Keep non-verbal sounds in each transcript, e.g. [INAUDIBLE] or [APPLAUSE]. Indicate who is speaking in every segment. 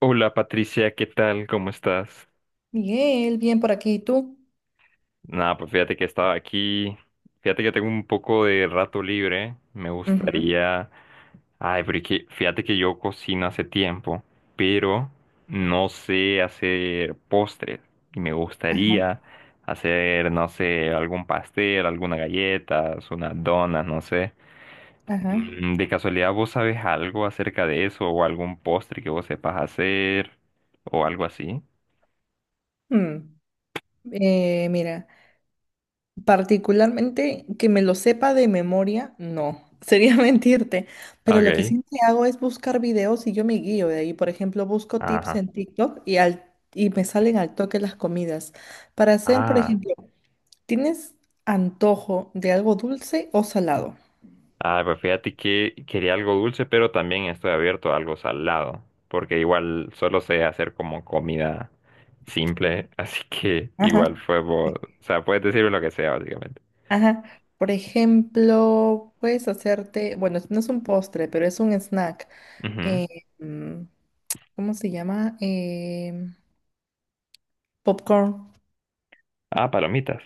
Speaker 1: Hola Patricia, ¿qué tal? ¿Cómo estás?
Speaker 2: Miguel, bien por aquí, ¿y tú?
Speaker 1: Nada, pues fíjate que estaba aquí. Fíjate que tengo un poco de rato libre. Me
Speaker 2: Ujú.
Speaker 1: gustaría. Ay, pero es que fíjate que yo cocino hace tiempo, pero no sé hacer postres. Y me
Speaker 2: Ajá,
Speaker 1: gustaría hacer, no sé, algún pastel, algunas galletas, unas donas, no sé.
Speaker 2: ajá.
Speaker 1: ¿De casualidad vos sabes algo acerca de eso o algún postre que vos sepas hacer o algo así?
Speaker 2: Mm. Mira, particularmente que me lo sepa de memoria, no, [LAUGHS] sería mentirte, pero lo que
Speaker 1: Ok.
Speaker 2: sí hago es buscar videos y yo me guío de ahí. Por ejemplo, busco tips
Speaker 1: Ajá.
Speaker 2: en TikTok y me salen al toque las comidas. Para hacer, por
Speaker 1: Ah,
Speaker 2: ejemplo, ¿tienes antojo de algo dulce o salado?
Speaker 1: ah, pues fíjate que quería algo dulce, pero también estoy abierto a algo salado, porque igual solo sé hacer como comida simple, [LAUGHS] así que
Speaker 2: Ajá.
Speaker 1: igual fue, o sea, puedes decirme lo que sea, básicamente.
Speaker 2: Ajá. Por ejemplo, puedes hacerte, bueno, no es un postre, pero es un snack.
Speaker 1: Ujú.
Speaker 2: eh, mm, ¿Cómo se llama? Popcorn.
Speaker 1: Ah, palomitas.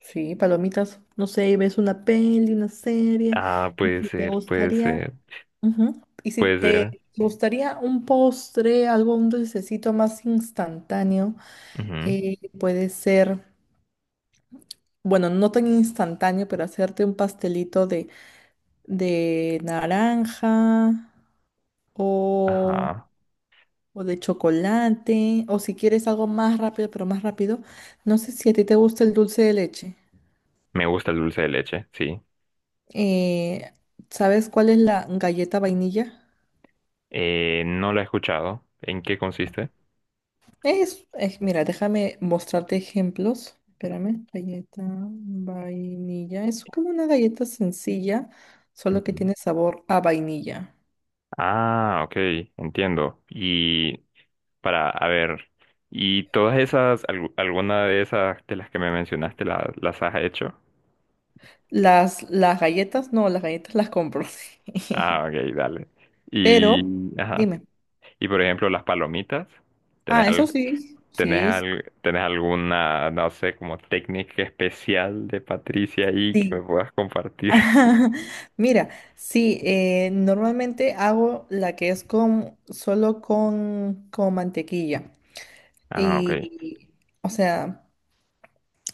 Speaker 2: Sí, palomitas. No sé, ves una peli, una serie.
Speaker 1: Ah,
Speaker 2: Y
Speaker 1: puede
Speaker 2: si te
Speaker 1: ser, puede
Speaker 2: gustaría,
Speaker 1: ser,
Speaker 2: ujú, Y si
Speaker 1: puede
Speaker 2: te
Speaker 1: ser.
Speaker 2: gustaría un postre, algo, un dulcecito más instantáneo,
Speaker 1: Ujú.
Speaker 2: puede ser, bueno, no tan instantáneo, pero hacerte un pastelito de, naranja. o,
Speaker 1: Ajá.
Speaker 2: o de chocolate, o si quieres algo más rápido, pero más rápido, no sé si a ti te gusta el dulce de leche.
Speaker 1: Me gusta el dulce de leche, sí.
Speaker 2: Eh, ¿Sabes cuál es la galleta vainilla?
Speaker 1: No lo he escuchado. ¿En qué consiste?
Speaker 2: Mira, déjame mostrarte ejemplos. Espérame, galleta vainilla. Es como una galleta sencilla, solo que
Speaker 1: Ujú.
Speaker 2: tiene sabor a vainilla.
Speaker 1: Ah, ok, entiendo. Y para, a ver, ¿y todas esas, alguna de esas de las que me mencionaste, las has hecho?
Speaker 2: Las galletas, no, las galletas las compro.
Speaker 1: Ah,
Speaker 2: [LAUGHS]
Speaker 1: ok, dale. Y,
Speaker 2: Pero,
Speaker 1: ajá.
Speaker 2: dime.
Speaker 1: Y por ejemplo, las palomitas, ¿tenés,
Speaker 2: Ah, eso
Speaker 1: al-
Speaker 2: sí,
Speaker 1: tenés,
Speaker 2: sí,
Speaker 1: al- tenés alguna, no sé, como técnica especial de Patricia ahí que me
Speaker 2: sí.
Speaker 1: puedas compartir? [LAUGHS]
Speaker 2: [LAUGHS] Mira, sí, normalmente hago la que es solo con mantequilla.
Speaker 1: Ah, ok,
Speaker 2: Y, o sea,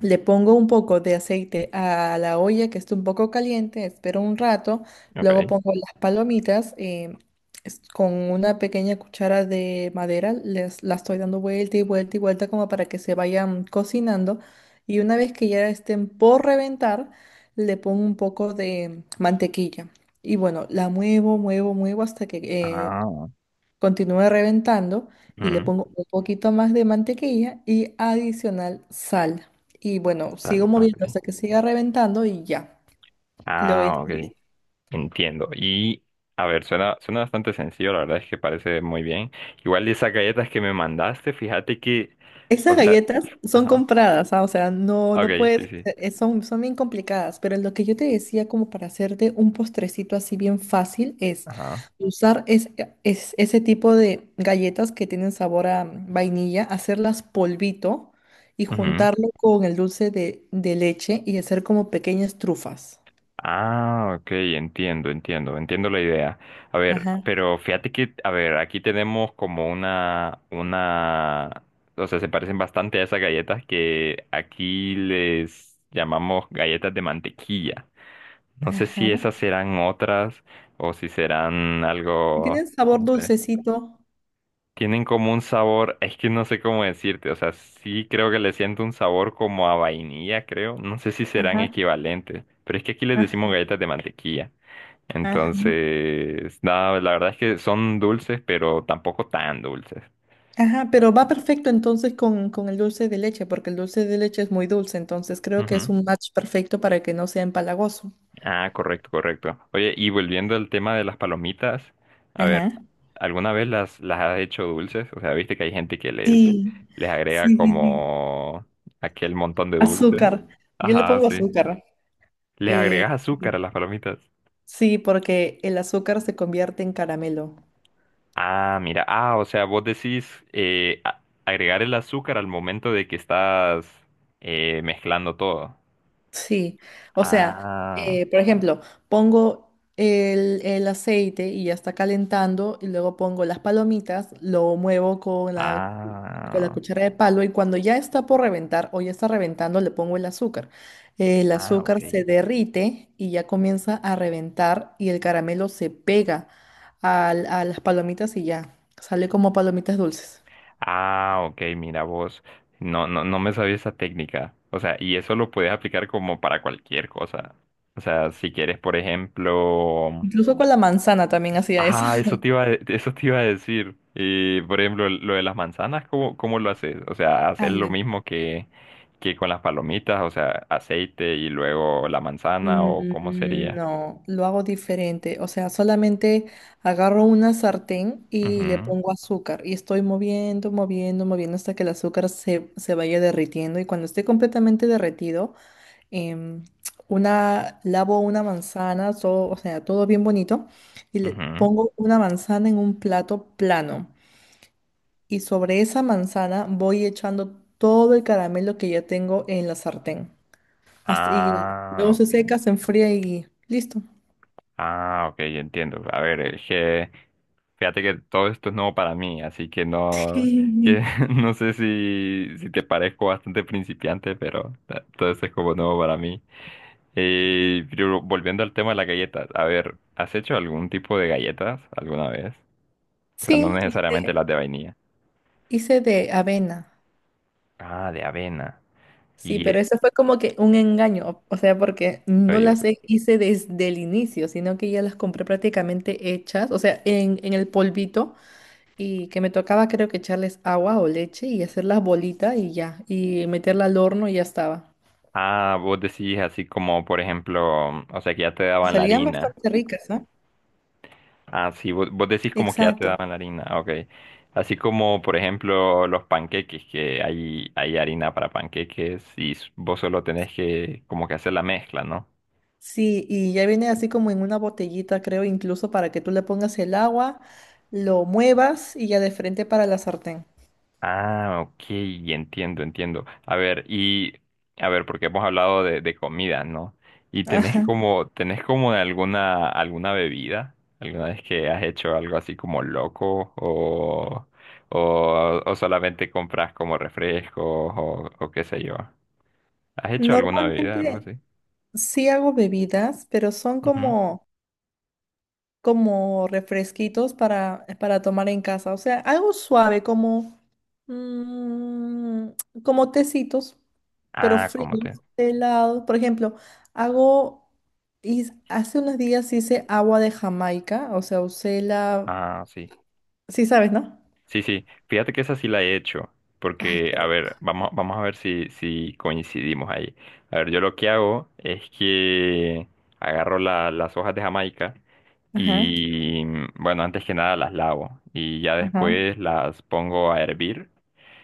Speaker 2: le pongo un poco de aceite a la olla que está un poco caliente, espero un rato, luego
Speaker 1: ok.
Speaker 2: pongo las palomitas con una pequeña cuchara de madera, la estoy dando vuelta y vuelta y vuelta como para que se vayan cocinando y una vez que ya estén por reventar, le pongo un poco de mantequilla y bueno, la muevo, muevo, muevo hasta que
Speaker 1: Ah,
Speaker 2: continúo reventando y le
Speaker 1: mm,
Speaker 2: pongo un poquito más de mantequilla y adicional sal. Y bueno, sigo
Speaker 1: dale,
Speaker 2: moviendo hasta
Speaker 1: ok.
Speaker 2: que siga reventando y ya. Lo voy a
Speaker 1: Ah, ok.
Speaker 2: hacer.
Speaker 1: Entiendo. Y a ver, suena, suena bastante sencillo, la verdad es que parece muy bien. Igual de esas galletas que me mandaste, fíjate que, o
Speaker 2: Esas
Speaker 1: sea,
Speaker 2: galletas son
Speaker 1: ajá,
Speaker 2: compradas, ah, o sea, no, no
Speaker 1: ok, sí,
Speaker 2: puedes,
Speaker 1: sí,
Speaker 2: son bien complicadas, pero lo que yo te decía como para hacerte un postrecito así bien fácil es
Speaker 1: ajá,
Speaker 2: usar ese tipo de galletas que tienen sabor a vainilla, hacerlas polvito y
Speaker 1: ujú.
Speaker 2: juntarlo con el dulce de leche y hacer como pequeñas trufas.
Speaker 1: Ah, ok, entiendo, entiendo, entiendo la idea. A ver,
Speaker 2: Ajá,
Speaker 1: pero fíjate que, a ver, aquí tenemos como una, o sea, se parecen bastante a esas galletas que aquí les llamamos galletas de mantequilla. No sé si
Speaker 2: ajá.
Speaker 1: esas serán otras o si serán
Speaker 2: Y
Speaker 1: algo,
Speaker 2: tienen sabor
Speaker 1: no sé.
Speaker 2: dulcecito.
Speaker 1: Tienen como un sabor, es que no sé cómo decirte, o sea, sí creo que le siento un sabor como a vainilla, creo. No sé si serán
Speaker 2: Ajá,
Speaker 1: equivalentes, pero es que aquí les
Speaker 2: ajá.
Speaker 1: decimos galletas de mantequilla. Entonces, nada, la verdad es que son dulces, pero tampoco tan dulces.
Speaker 2: Ajá, pero va perfecto entonces con el dulce de leche, porque el dulce de leche es muy dulce, entonces creo que es
Speaker 1: Ujú.
Speaker 2: un match perfecto para que no sea empalagoso.
Speaker 1: Ah, correcto, correcto. Oye, y volviendo al tema de las palomitas, a ver,
Speaker 2: Ajá.
Speaker 1: ¿alguna vez las has hecho dulces? O sea, viste que hay gente que les,
Speaker 2: Sí,
Speaker 1: les agrega
Speaker 2: sí, sí, sí.
Speaker 1: como aquel montón de dulce.
Speaker 2: Azúcar. Yo le
Speaker 1: Ajá,
Speaker 2: pongo
Speaker 1: sí.
Speaker 2: azúcar.
Speaker 1: ¿Les
Speaker 2: Eh,
Speaker 1: agregas azúcar
Speaker 2: sí,
Speaker 1: a las palomitas?
Speaker 2: sí, porque el azúcar se convierte en caramelo.
Speaker 1: Ah, mira, ah, o sea, vos decís agregar el azúcar al momento de que estás mezclando todo.
Speaker 2: Sí, o sea,
Speaker 1: Ah,
Speaker 2: por ejemplo, pongo el aceite y ya está calentando y luego pongo las palomitas, lo muevo con la,
Speaker 1: ah,
Speaker 2: cuchara de palo y cuando ya está por reventar o ya está reventando le pongo el azúcar. El
Speaker 1: ah, ok.
Speaker 2: azúcar se derrite y ya comienza a reventar y el caramelo se pega a las palomitas y ya sale como palomitas dulces.
Speaker 1: Ah, ok, mira vos. No, no, no me sabía esa técnica. O sea, y eso lo puedes aplicar como para cualquier cosa. O sea, si quieres, por ejemplo.
Speaker 2: Incluso con la manzana también hacía eso.
Speaker 1: Ah,
Speaker 2: [LAUGHS]
Speaker 1: eso te iba a decir. Y, por ejemplo, lo de las manzanas, ¿cómo lo haces? O sea,
Speaker 2: Ah,
Speaker 1: hacer lo
Speaker 2: ya.
Speaker 1: mismo que, con las palomitas, o sea, aceite y luego la manzana, o cómo sería.
Speaker 2: No, lo hago diferente. O sea, solamente agarro una sartén y le
Speaker 1: Ujú,
Speaker 2: pongo azúcar y estoy moviendo, moviendo, moviendo hasta que el azúcar se vaya derritiendo. Y cuando esté completamente derretido, em, lavo una manzana, todo, o sea, todo bien bonito, y le
Speaker 1: ujú.
Speaker 2: pongo una manzana en un plato plano. Y sobre esa manzana voy echando todo el caramelo que ya tengo en la sartén. Y
Speaker 1: Ah,
Speaker 2: luego
Speaker 1: ok.
Speaker 2: se seca, se enfría y listo.
Speaker 1: Ah, ok, entiendo. A ver, es que fíjate que todo esto es nuevo para mí, así que no, que
Speaker 2: Sí,
Speaker 1: [LAUGHS] no sé si te parezco bastante principiante, pero todo esto es como nuevo para mí. Pero volviendo al tema de las galletas, a ver, ¿has hecho algún tipo de galletas alguna vez? O sea, no
Speaker 2: Sí,
Speaker 1: necesariamente
Speaker 2: hice,
Speaker 1: las de vainilla.
Speaker 2: hice de avena.
Speaker 1: Ah, de avena.
Speaker 2: Sí,
Speaker 1: Y,
Speaker 2: pero eso fue como que un engaño, o sea, porque no
Speaker 1: oye,
Speaker 2: las hice desde el inicio, sino que ya las compré prácticamente hechas, o sea, en el polvito y que me tocaba creo que echarles agua o leche y hacer las bolitas y ya, y meterla al horno y ya estaba.
Speaker 1: ah, vos decís así como, por ejemplo, o sea, que ya te
Speaker 2: Y
Speaker 1: daban la
Speaker 2: salían
Speaker 1: harina.
Speaker 2: bastante ricas, ¿no?
Speaker 1: Ah, sí, vos, decís como que ya te
Speaker 2: Exacto.
Speaker 1: daban la harina, ah, ok. Así como, por ejemplo, los panqueques, que hay harina para panqueques y vos solo tenés que como que hacer la mezcla, ¿no?
Speaker 2: Sí, y ya viene así como en una botellita, creo, incluso para que tú le pongas el agua, lo muevas y ya de frente para la sartén.
Speaker 1: Ah, ok, entiendo, entiendo. A ver, y a ver, porque hemos hablado de, comida, ¿no? Y tenés
Speaker 2: Ajá.
Speaker 1: como, tenés como alguna bebida, alguna vez que has hecho algo así como loco o, solamente compras como refrescos o qué sé yo. ¿Has hecho alguna bebida, algo
Speaker 2: Normalmente
Speaker 1: así?
Speaker 2: sí hago bebidas, pero son
Speaker 1: Ujú.
Speaker 2: como refresquitos para tomar en casa. O sea, algo suave, mm, como tecitos, pero
Speaker 1: Ah, ¿cómo
Speaker 2: fríos,
Speaker 1: te?
Speaker 2: helados. Por ejemplo, hago, hace unos días hice agua de Jamaica, o sea, usé la,
Speaker 1: Ah, sí.
Speaker 2: sí sabes, ¿no?
Speaker 1: Sí, sí. Fíjate que esa sí la he hecho.
Speaker 2: Ay,
Speaker 1: Porque,
Speaker 2: qué
Speaker 1: a ver,
Speaker 2: rico.
Speaker 1: vamos, a ver si coincidimos ahí. A ver, yo lo que hago es que agarro las hojas de Jamaica
Speaker 2: Ajá,
Speaker 1: y, bueno, antes que nada las lavo y ya
Speaker 2: ajá,
Speaker 1: después las pongo a hervir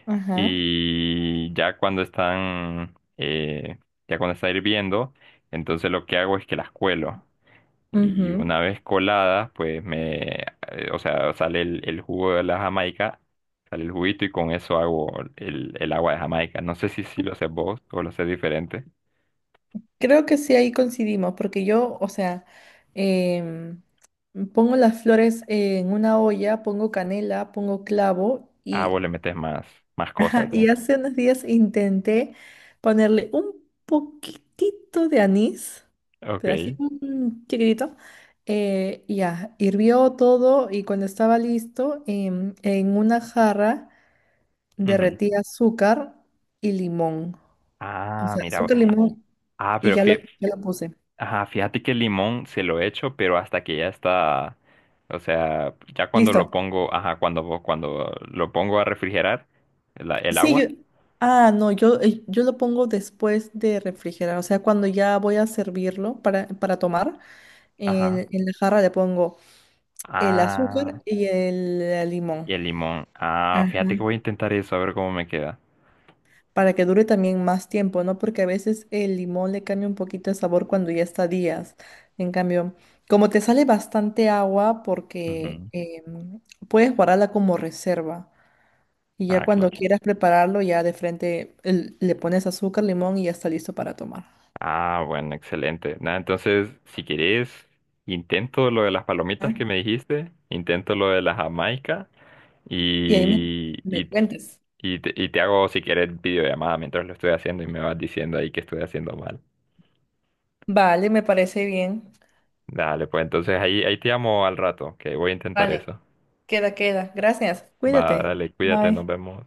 Speaker 2: ajá.
Speaker 1: y ya cuando están, ya cuando está hirviendo, entonces lo que hago es que las cuelo. Y
Speaker 2: Ujú.
Speaker 1: una vez coladas, pues me, o sea, sale el, jugo de la Jamaica, sale el juguito y con eso hago el, agua de Jamaica. No sé si lo haces vos o lo haces diferente.
Speaker 2: Creo que sí, ahí coincidimos, porque yo, o sea, em, pongo las flores en una olla, pongo canela, pongo clavo
Speaker 1: Ah, vos
Speaker 2: y,
Speaker 1: le metes más, más
Speaker 2: [LAUGHS]
Speaker 1: cosas,
Speaker 2: ajá,
Speaker 1: ¿eh?
Speaker 2: y hace unos días intenté ponerle un poquitito de anís, pero así
Speaker 1: Ok.
Speaker 2: un chiquitito. Y ya, hirvió todo y cuando estaba listo, en una jarra
Speaker 1: Ujú.
Speaker 2: derretí azúcar y limón. O
Speaker 1: Ah,
Speaker 2: sea,
Speaker 1: mira.
Speaker 2: azúcar, limón
Speaker 1: Ah,
Speaker 2: y
Speaker 1: pero
Speaker 2: ya lo, ya lo puse.
Speaker 1: ajá, fíjate que el limón se lo echo, pero hasta que ya está, o sea, ya cuando lo
Speaker 2: Listo.
Speaker 1: pongo, ajá, cuando, lo pongo a refrigerar, el
Speaker 2: Sí,
Speaker 1: agua,
Speaker 2: ah, no, yo lo pongo después de refrigerar, o sea, cuando ya voy a servirlo para tomar,
Speaker 1: ajá.
Speaker 2: en la jarra le pongo el azúcar
Speaker 1: Ah.
Speaker 2: y el limón,
Speaker 1: Y el limón. Ah,
Speaker 2: ajá,
Speaker 1: fíjate que voy a intentar eso, a ver cómo me queda.
Speaker 2: para que dure también más tiempo, ¿no? Porque a veces el limón le cambia un poquito el sabor cuando ya está días. En cambio, como te sale bastante agua, porque
Speaker 1: Ujú.
Speaker 2: puedes guardarla como reserva. Y ya
Speaker 1: Ah,
Speaker 2: cuando
Speaker 1: claro.
Speaker 2: quieras prepararlo, ya de frente le pones azúcar, limón y ya está listo para tomar.
Speaker 1: Ah, bueno, excelente. Nada, entonces, si querés, intento lo de las
Speaker 2: Ah,
Speaker 1: palomitas que me dijiste, intento lo de la Jamaica
Speaker 2: y ahí me, me
Speaker 1: y,
Speaker 2: cuentas.
Speaker 1: y te hago, si querés, videollamada mientras lo estoy haciendo y me vas diciendo ahí que estoy haciendo mal.
Speaker 2: Vale, me parece bien.
Speaker 1: Dale, pues entonces ahí, te llamo al rato, que voy a intentar
Speaker 2: Vale,
Speaker 1: eso.
Speaker 2: queda, queda. Gracias.
Speaker 1: Va,
Speaker 2: Cuídate.
Speaker 1: dale, cuídate, nos
Speaker 2: Bye.
Speaker 1: vemos.